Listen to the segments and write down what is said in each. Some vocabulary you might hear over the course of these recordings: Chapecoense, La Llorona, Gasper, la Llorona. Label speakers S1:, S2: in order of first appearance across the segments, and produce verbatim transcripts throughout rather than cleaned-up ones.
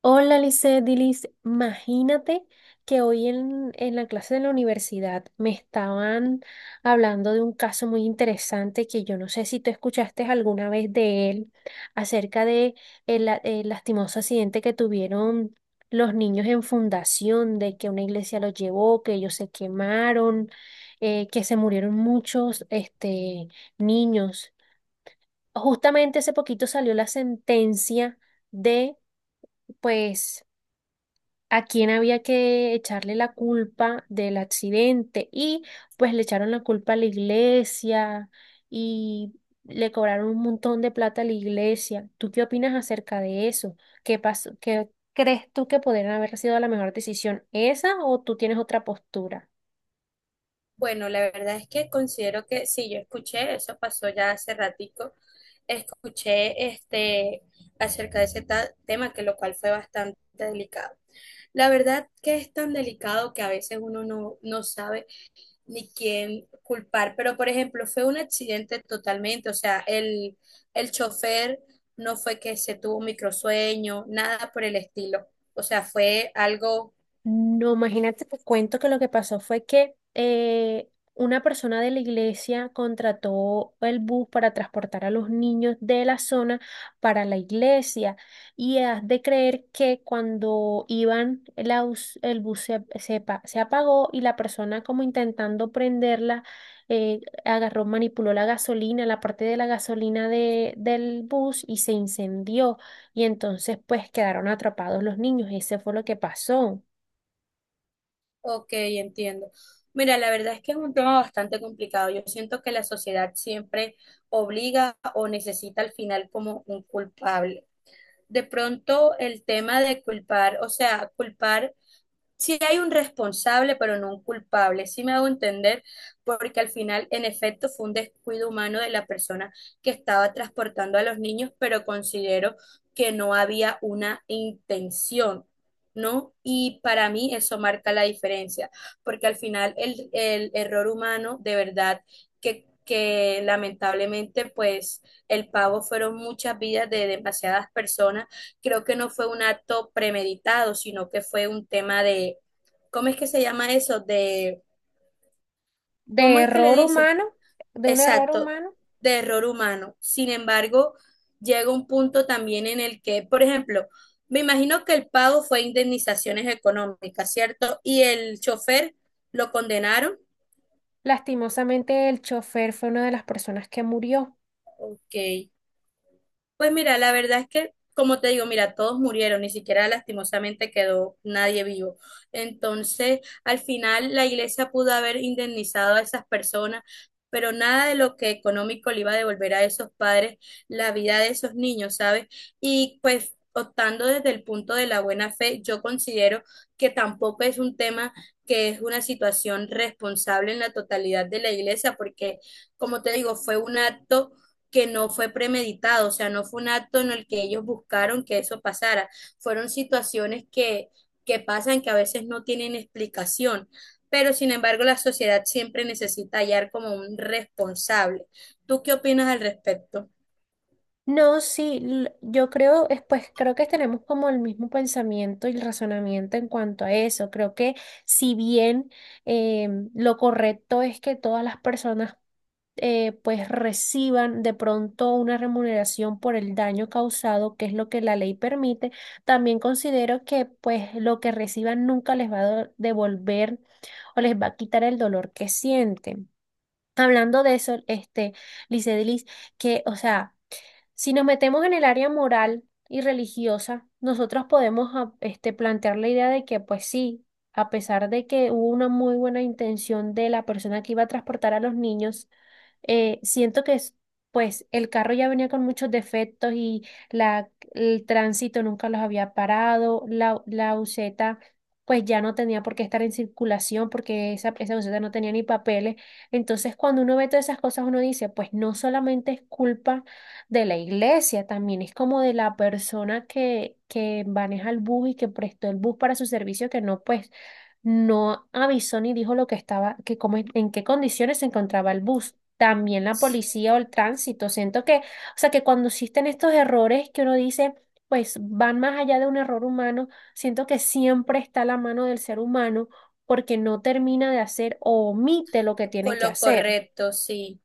S1: Hola, Lisset, Dilis. Imagínate que hoy en, en la clase de la universidad me estaban hablando de un caso muy interesante que yo no sé si tú escuchaste alguna vez de él, acerca de el, la- el lastimoso accidente que tuvieron los niños en fundación, de que una iglesia los llevó, que ellos se quemaron, eh, que se murieron muchos este, niños. Justamente hace poquito salió la sentencia de, pues, a quién había que echarle la culpa del accidente, y pues le echaron la culpa a la iglesia y le cobraron un montón de plata a la iglesia. ¿Tú qué opinas acerca de eso? ¿Qué pasó? ¿Qué crees tú que podrían haber sido la mejor decisión, esa, o tú tienes otra postura?
S2: Bueno, la verdad es que considero que sí. Yo escuché, eso pasó ya hace ratico, escuché este acerca de ese ta- tema, que lo cual fue bastante delicado. La verdad que es tan delicado que a veces uno no, no sabe ni quién culpar, pero por ejemplo, fue un accidente totalmente, o sea, el, el chofer no fue que se tuvo un microsueño, nada por el estilo, o sea, fue algo.
S1: No, imagínate, te cuento que lo que pasó fue que eh, una persona de la iglesia contrató el bus para transportar a los niños de la zona para la iglesia. Y has de creer que cuando iban, el, aus- el bus se, se pa- se apagó y la persona, como intentando prenderla, eh, agarró, manipuló la gasolina, la parte de la gasolina de- del bus y se incendió. Y entonces pues quedaron atrapados los niños. Ese fue lo que pasó.
S2: Ok, entiendo. Mira, la verdad es que es un tema bastante complicado. Yo siento que la sociedad siempre obliga o necesita al final como un culpable. De pronto el tema de culpar, o sea, culpar si hay un responsable, pero no un culpable, si me hago entender, porque al final, en efecto, fue un descuido humano de la persona que estaba transportando a los niños, pero considero que no había una intención, ¿no? Y para mí eso marca la diferencia, porque al final el, el error humano, de verdad, que, que lamentablemente, pues, el pago fueron muchas vidas de demasiadas personas. Creo que no fue un acto premeditado, sino que fue un tema de, ¿cómo es que se llama eso? De,
S1: De
S2: ¿cómo es que le
S1: error
S2: dicen?
S1: humano, de un error
S2: Exacto,
S1: humano.
S2: de error humano. Sin embargo, llega un punto también en el que, por ejemplo, me imagino que el pago fue indemnizaciones económicas, ¿cierto? Y el chofer lo condenaron.
S1: Lastimosamente, el chofer fue una de las personas que murió.
S2: Ok. Pues mira, la verdad es que, como te digo, mira, todos murieron, ni siquiera lastimosamente quedó nadie vivo. Entonces, al final, la iglesia pudo haber indemnizado a esas personas, pero nada de lo que económico le iba a devolver a esos padres la vida de esos niños, ¿sabes? Y pues, optando desde el punto de la buena fe, yo considero que tampoco es un tema, que es una situación responsable en la totalidad de la iglesia, porque, como te digo, fue un acto que no fue premeditado, o sea, no fue un acto en el que ellos buscaron que eso pasara, fueron situaciones que, que pasan que a veces no tienen explicación, pero sin embargo la sociedad siempre necesita hallar como un responsable. ¿Tú qué opinas al respecto?
S1: No, sí, l- yo creo, es, pues creo que tenemos como el mismo pensamiento y el razonamiento en cuanto a eso. Creo que si bien eh, lo correcto es que todas las personas eh, pues reciban de pronto una remuneración por el daño causado, que es lo que la ley permite, también considero que pues lo que reciban nunca les va a do- devolver o les va a quitar el dolor que sienten. Hablando de eso, este, Licedelis, que, o sea, si nos metemos en el área moral y religiosa, nosotros podemos ah, este, plantear la idea de que, pues sí, a pesar de que hubo una muy buena intención de la persona que iba a transportar a los niños, eh, siento que es- pues el carro ya venía con muchos defectos y la, el tránsito nunca los había parado, la, la buseta pues ya no tenía por qué estar en circulación porque esa, esa buseta no tenía ni papeles. Entonces, cuando uno ve todas esas cosas, uno dice, pues no solamente es culpa de la iglesia, también es como de la persona que, que maneja el bus y que prestó el bus para su servicio, que no, pues, no avisó ni dijo lo que estaba, que cómo, en qué condiciones se encontraba el bus. También la policía o el tránsito. Siento que, o sea, que cuando existen estos errores, que uno dice, pues van más allá de un error humano, siento que siempre está la mano del ser humano porque no termina de hacer o omite lo que tiene
S2: Con
S1: que
S2: lo
S1: hacer.
S2: correcto, sí.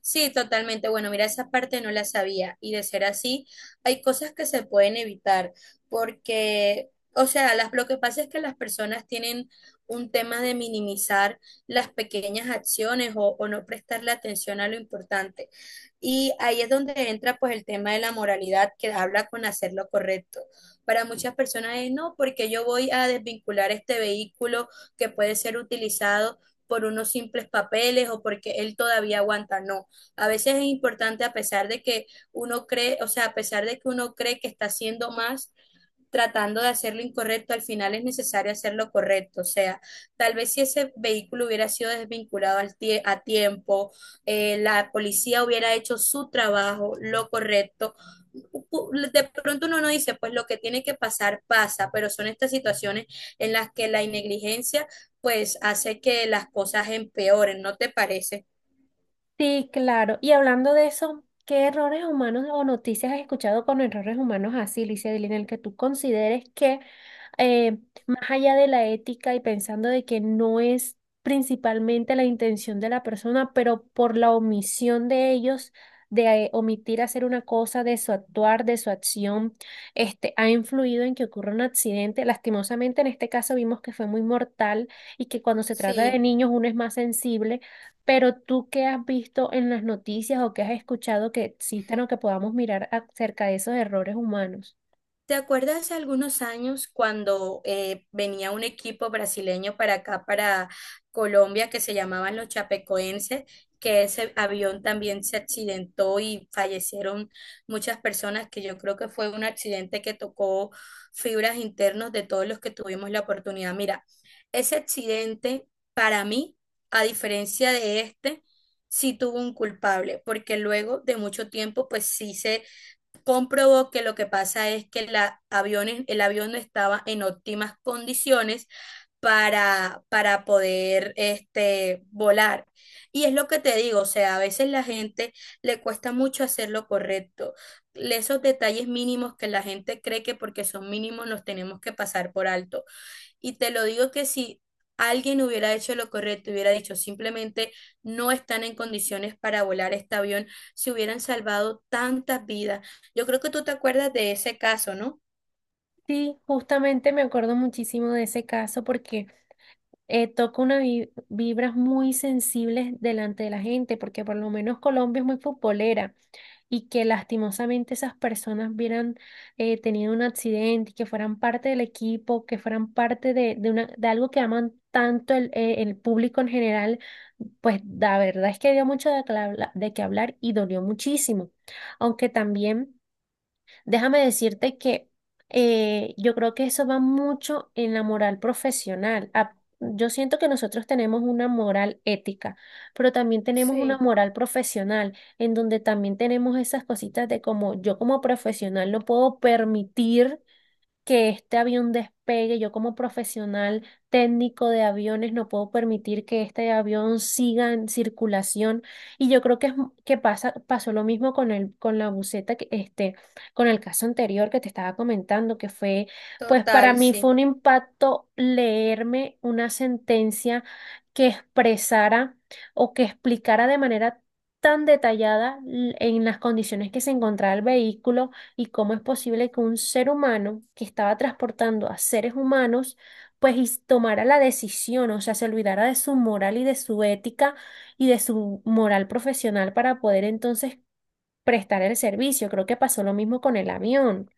S2: Sí, totalmente. Bueno, mira, esa parte no la sabía. Y de ser así, hay cosas que se pueden evitar, porque, o sea, las, lo que pasa es que las personas tienen un tema de minimizar las pequeñas acciones o, o no prestarle atención a lo importante. Y ahí es donde entra pues el tema de la moralidad que habla con hacer lo correcto. Para muchas personas es no, porque yo voy a desvincular este vehículo que puede ser utilizado por unos simples papeles o porque él todavía aguanta. No. A veces es importante, a pesar de que uno cree, o sea, a pesar de que uno cree que está haciendo más, tratando de hacer lo incorrecto, al final es necesario hacer lo correcto. O sea, tal vez si ese vehículo hubiera sido desvinculado al tie- a tiempo, eh, la policía hubiera hecho su trabajo, lo correcto. pu- De pronto uno no dice, pues lo que tiene que pasar pasa, pero son estas situaciones en las que la negligencia pues hace que las cosas empeoren, ¿no te parece?
S1: Sí, claro. Y hablando de eso, ¿qué errores humanos o noticias has escuchado con errores humanos así, Licia, en el que tú consideres que eh, más allá de la ética y pensando de que no es principalmente la intención de la persona, pero por la omisión de ellos, de eh, omitir hacer una cosa, de su actuar, de su acción, este, ha influido en que ocurra un accidente? Lastimosamente, en este caso vimos que fue muy mortal y que cuando se trata de
S2: Sí.
S1: niños uno es más sensible. Pero tú qué has visto en las noticias o qué has escuchado que existan o que podamos mirar acerca de esos errores humanos.
S2: ¿Te acuerdas hace algunos años cuando eh, venía un equipo brasileño para acá, para Colombia, que se llamaban los Chapecoenses, que ese avión también se accidentó y fallecieron muchas personas, que yo creo que fue un accidente que tocó fibras internas de todos los que tuvimos la oportunidad? Mira, ese accidente, para mí, a diferencia de este, sí tuvo un culpable, porque luego de mucho tiempo, pues sí se comprobó que lo que pasa es que la aviones, el avión no estaba en óptimas condiciones para, para poder este, volar. Y es lo que te digo, o sea, a veces la gente le cuesta mucho hacer lo correcto. Esos detalles mínimos que la gente cree que porque son mínimos los tenemos que pasar por alto. Y te lo digo que si alguien hubiera hecho lo correcto, hubiera dicho simplemente no están en condiciones para volar este avión, se hubieran salvado tantas vidas. Yo creo que tú te acuerdas de ese caso, ¿no?
S1: Sí, justamente me acuerdo muchísimo de ese caso porque eh, toca unas vi- vibras muy sensibles delante de la gente, porque por lo menos Colombia es muy futbolera. Y que lastimosamente esas personas hubieran eh, tenido un accidente y que fueran parte del equipo, que fueran parte de, de, una, de algo que aman tanto el, eh, el público en general, pues la verdad es que dio mucho de, cla- de qué hablar y dolió muchísimo. Aunque también... Déjame decirte que eh, yo creo que eso va mucho en la moral profesional. A- yo siento que nosotros tenemos una moral ética, pero también tenemos una
S2: Sí.
S1: moral profesional, en donde también tenemos esas cositas de como yo como profesional no puedo permitir que este avión despegue. Yo como profesional técnico de aviones no puedo permitir que este avión siga en circulación. Y yo creo que, es, que pasa, pasó lo mismo con el, con la buceta, que, este, con el caso anterior que te estaba comentando, que fue, pues para
S2: Total,
S1: mí fue
S2: sí.
S1: un impacto leerme una sentencia que expresara o que explicara de manera tan detallada l- en las condiciones que se encontraba el vehículo y cómo es posible que un ser humano que estaba transportando a seres humanos, pues y tomara la decisión, o sea, se olvidara de su moral y de su ética y de su moral profesional para poder entonces prestar el servicio. Creo que pasó lo mismo con el avión.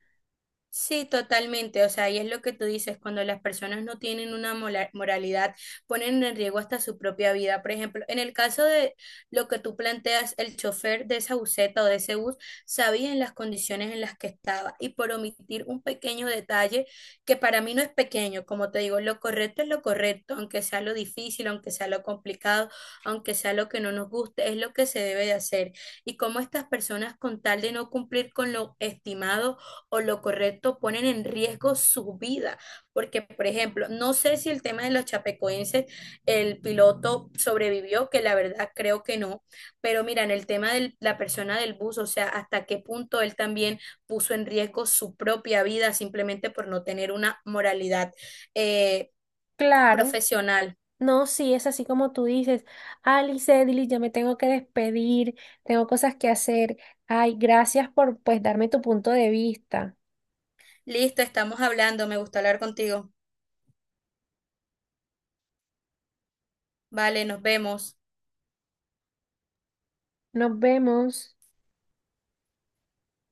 S2: Sí, totalmente. O sea, y es lo que tú dices, cuando las personas no tienen una mola- moralidad, ponen en riesgo hasta su propia vida. Por ejemplo, en el caso de lo que tú planteas, el chofer de esa buseta o de ese bus sabía en las condiciones en las que estaba y por omitir un pequeño detalle que para mí no es pequeño, como te digo, lo correcto es lo correcto, aunque sea lo difícil, aunque sea lo complicado, aunque sea lo que no nos guste, es lo que se debe de hacer. Y como estas personas con tal de no cumplir con lo estimado, o lo correcto ponen en riesgo su vida. Porque, por ejemplo, no sé si el tema de los chapecoenses, el piloto sobrevivió, que la verdad creo que no, pero mira, en el tema de la persona del bus, o sea, hasta qué punto él también puso en riesgo su propia vida simplemente por no tener una moralidad eh,
S1: Claro.
S2: profesional.
S1: No, sí, es así como tú dices, Alice, Edily, yo me tengo que despedir, tengo cosas que hacer. Ay, gracias por pues darme tu punto de vista.
S2: Listo, estamos hablando, me gusta hablar contigo. Vale, nos vemos.
S1: Nos vemos.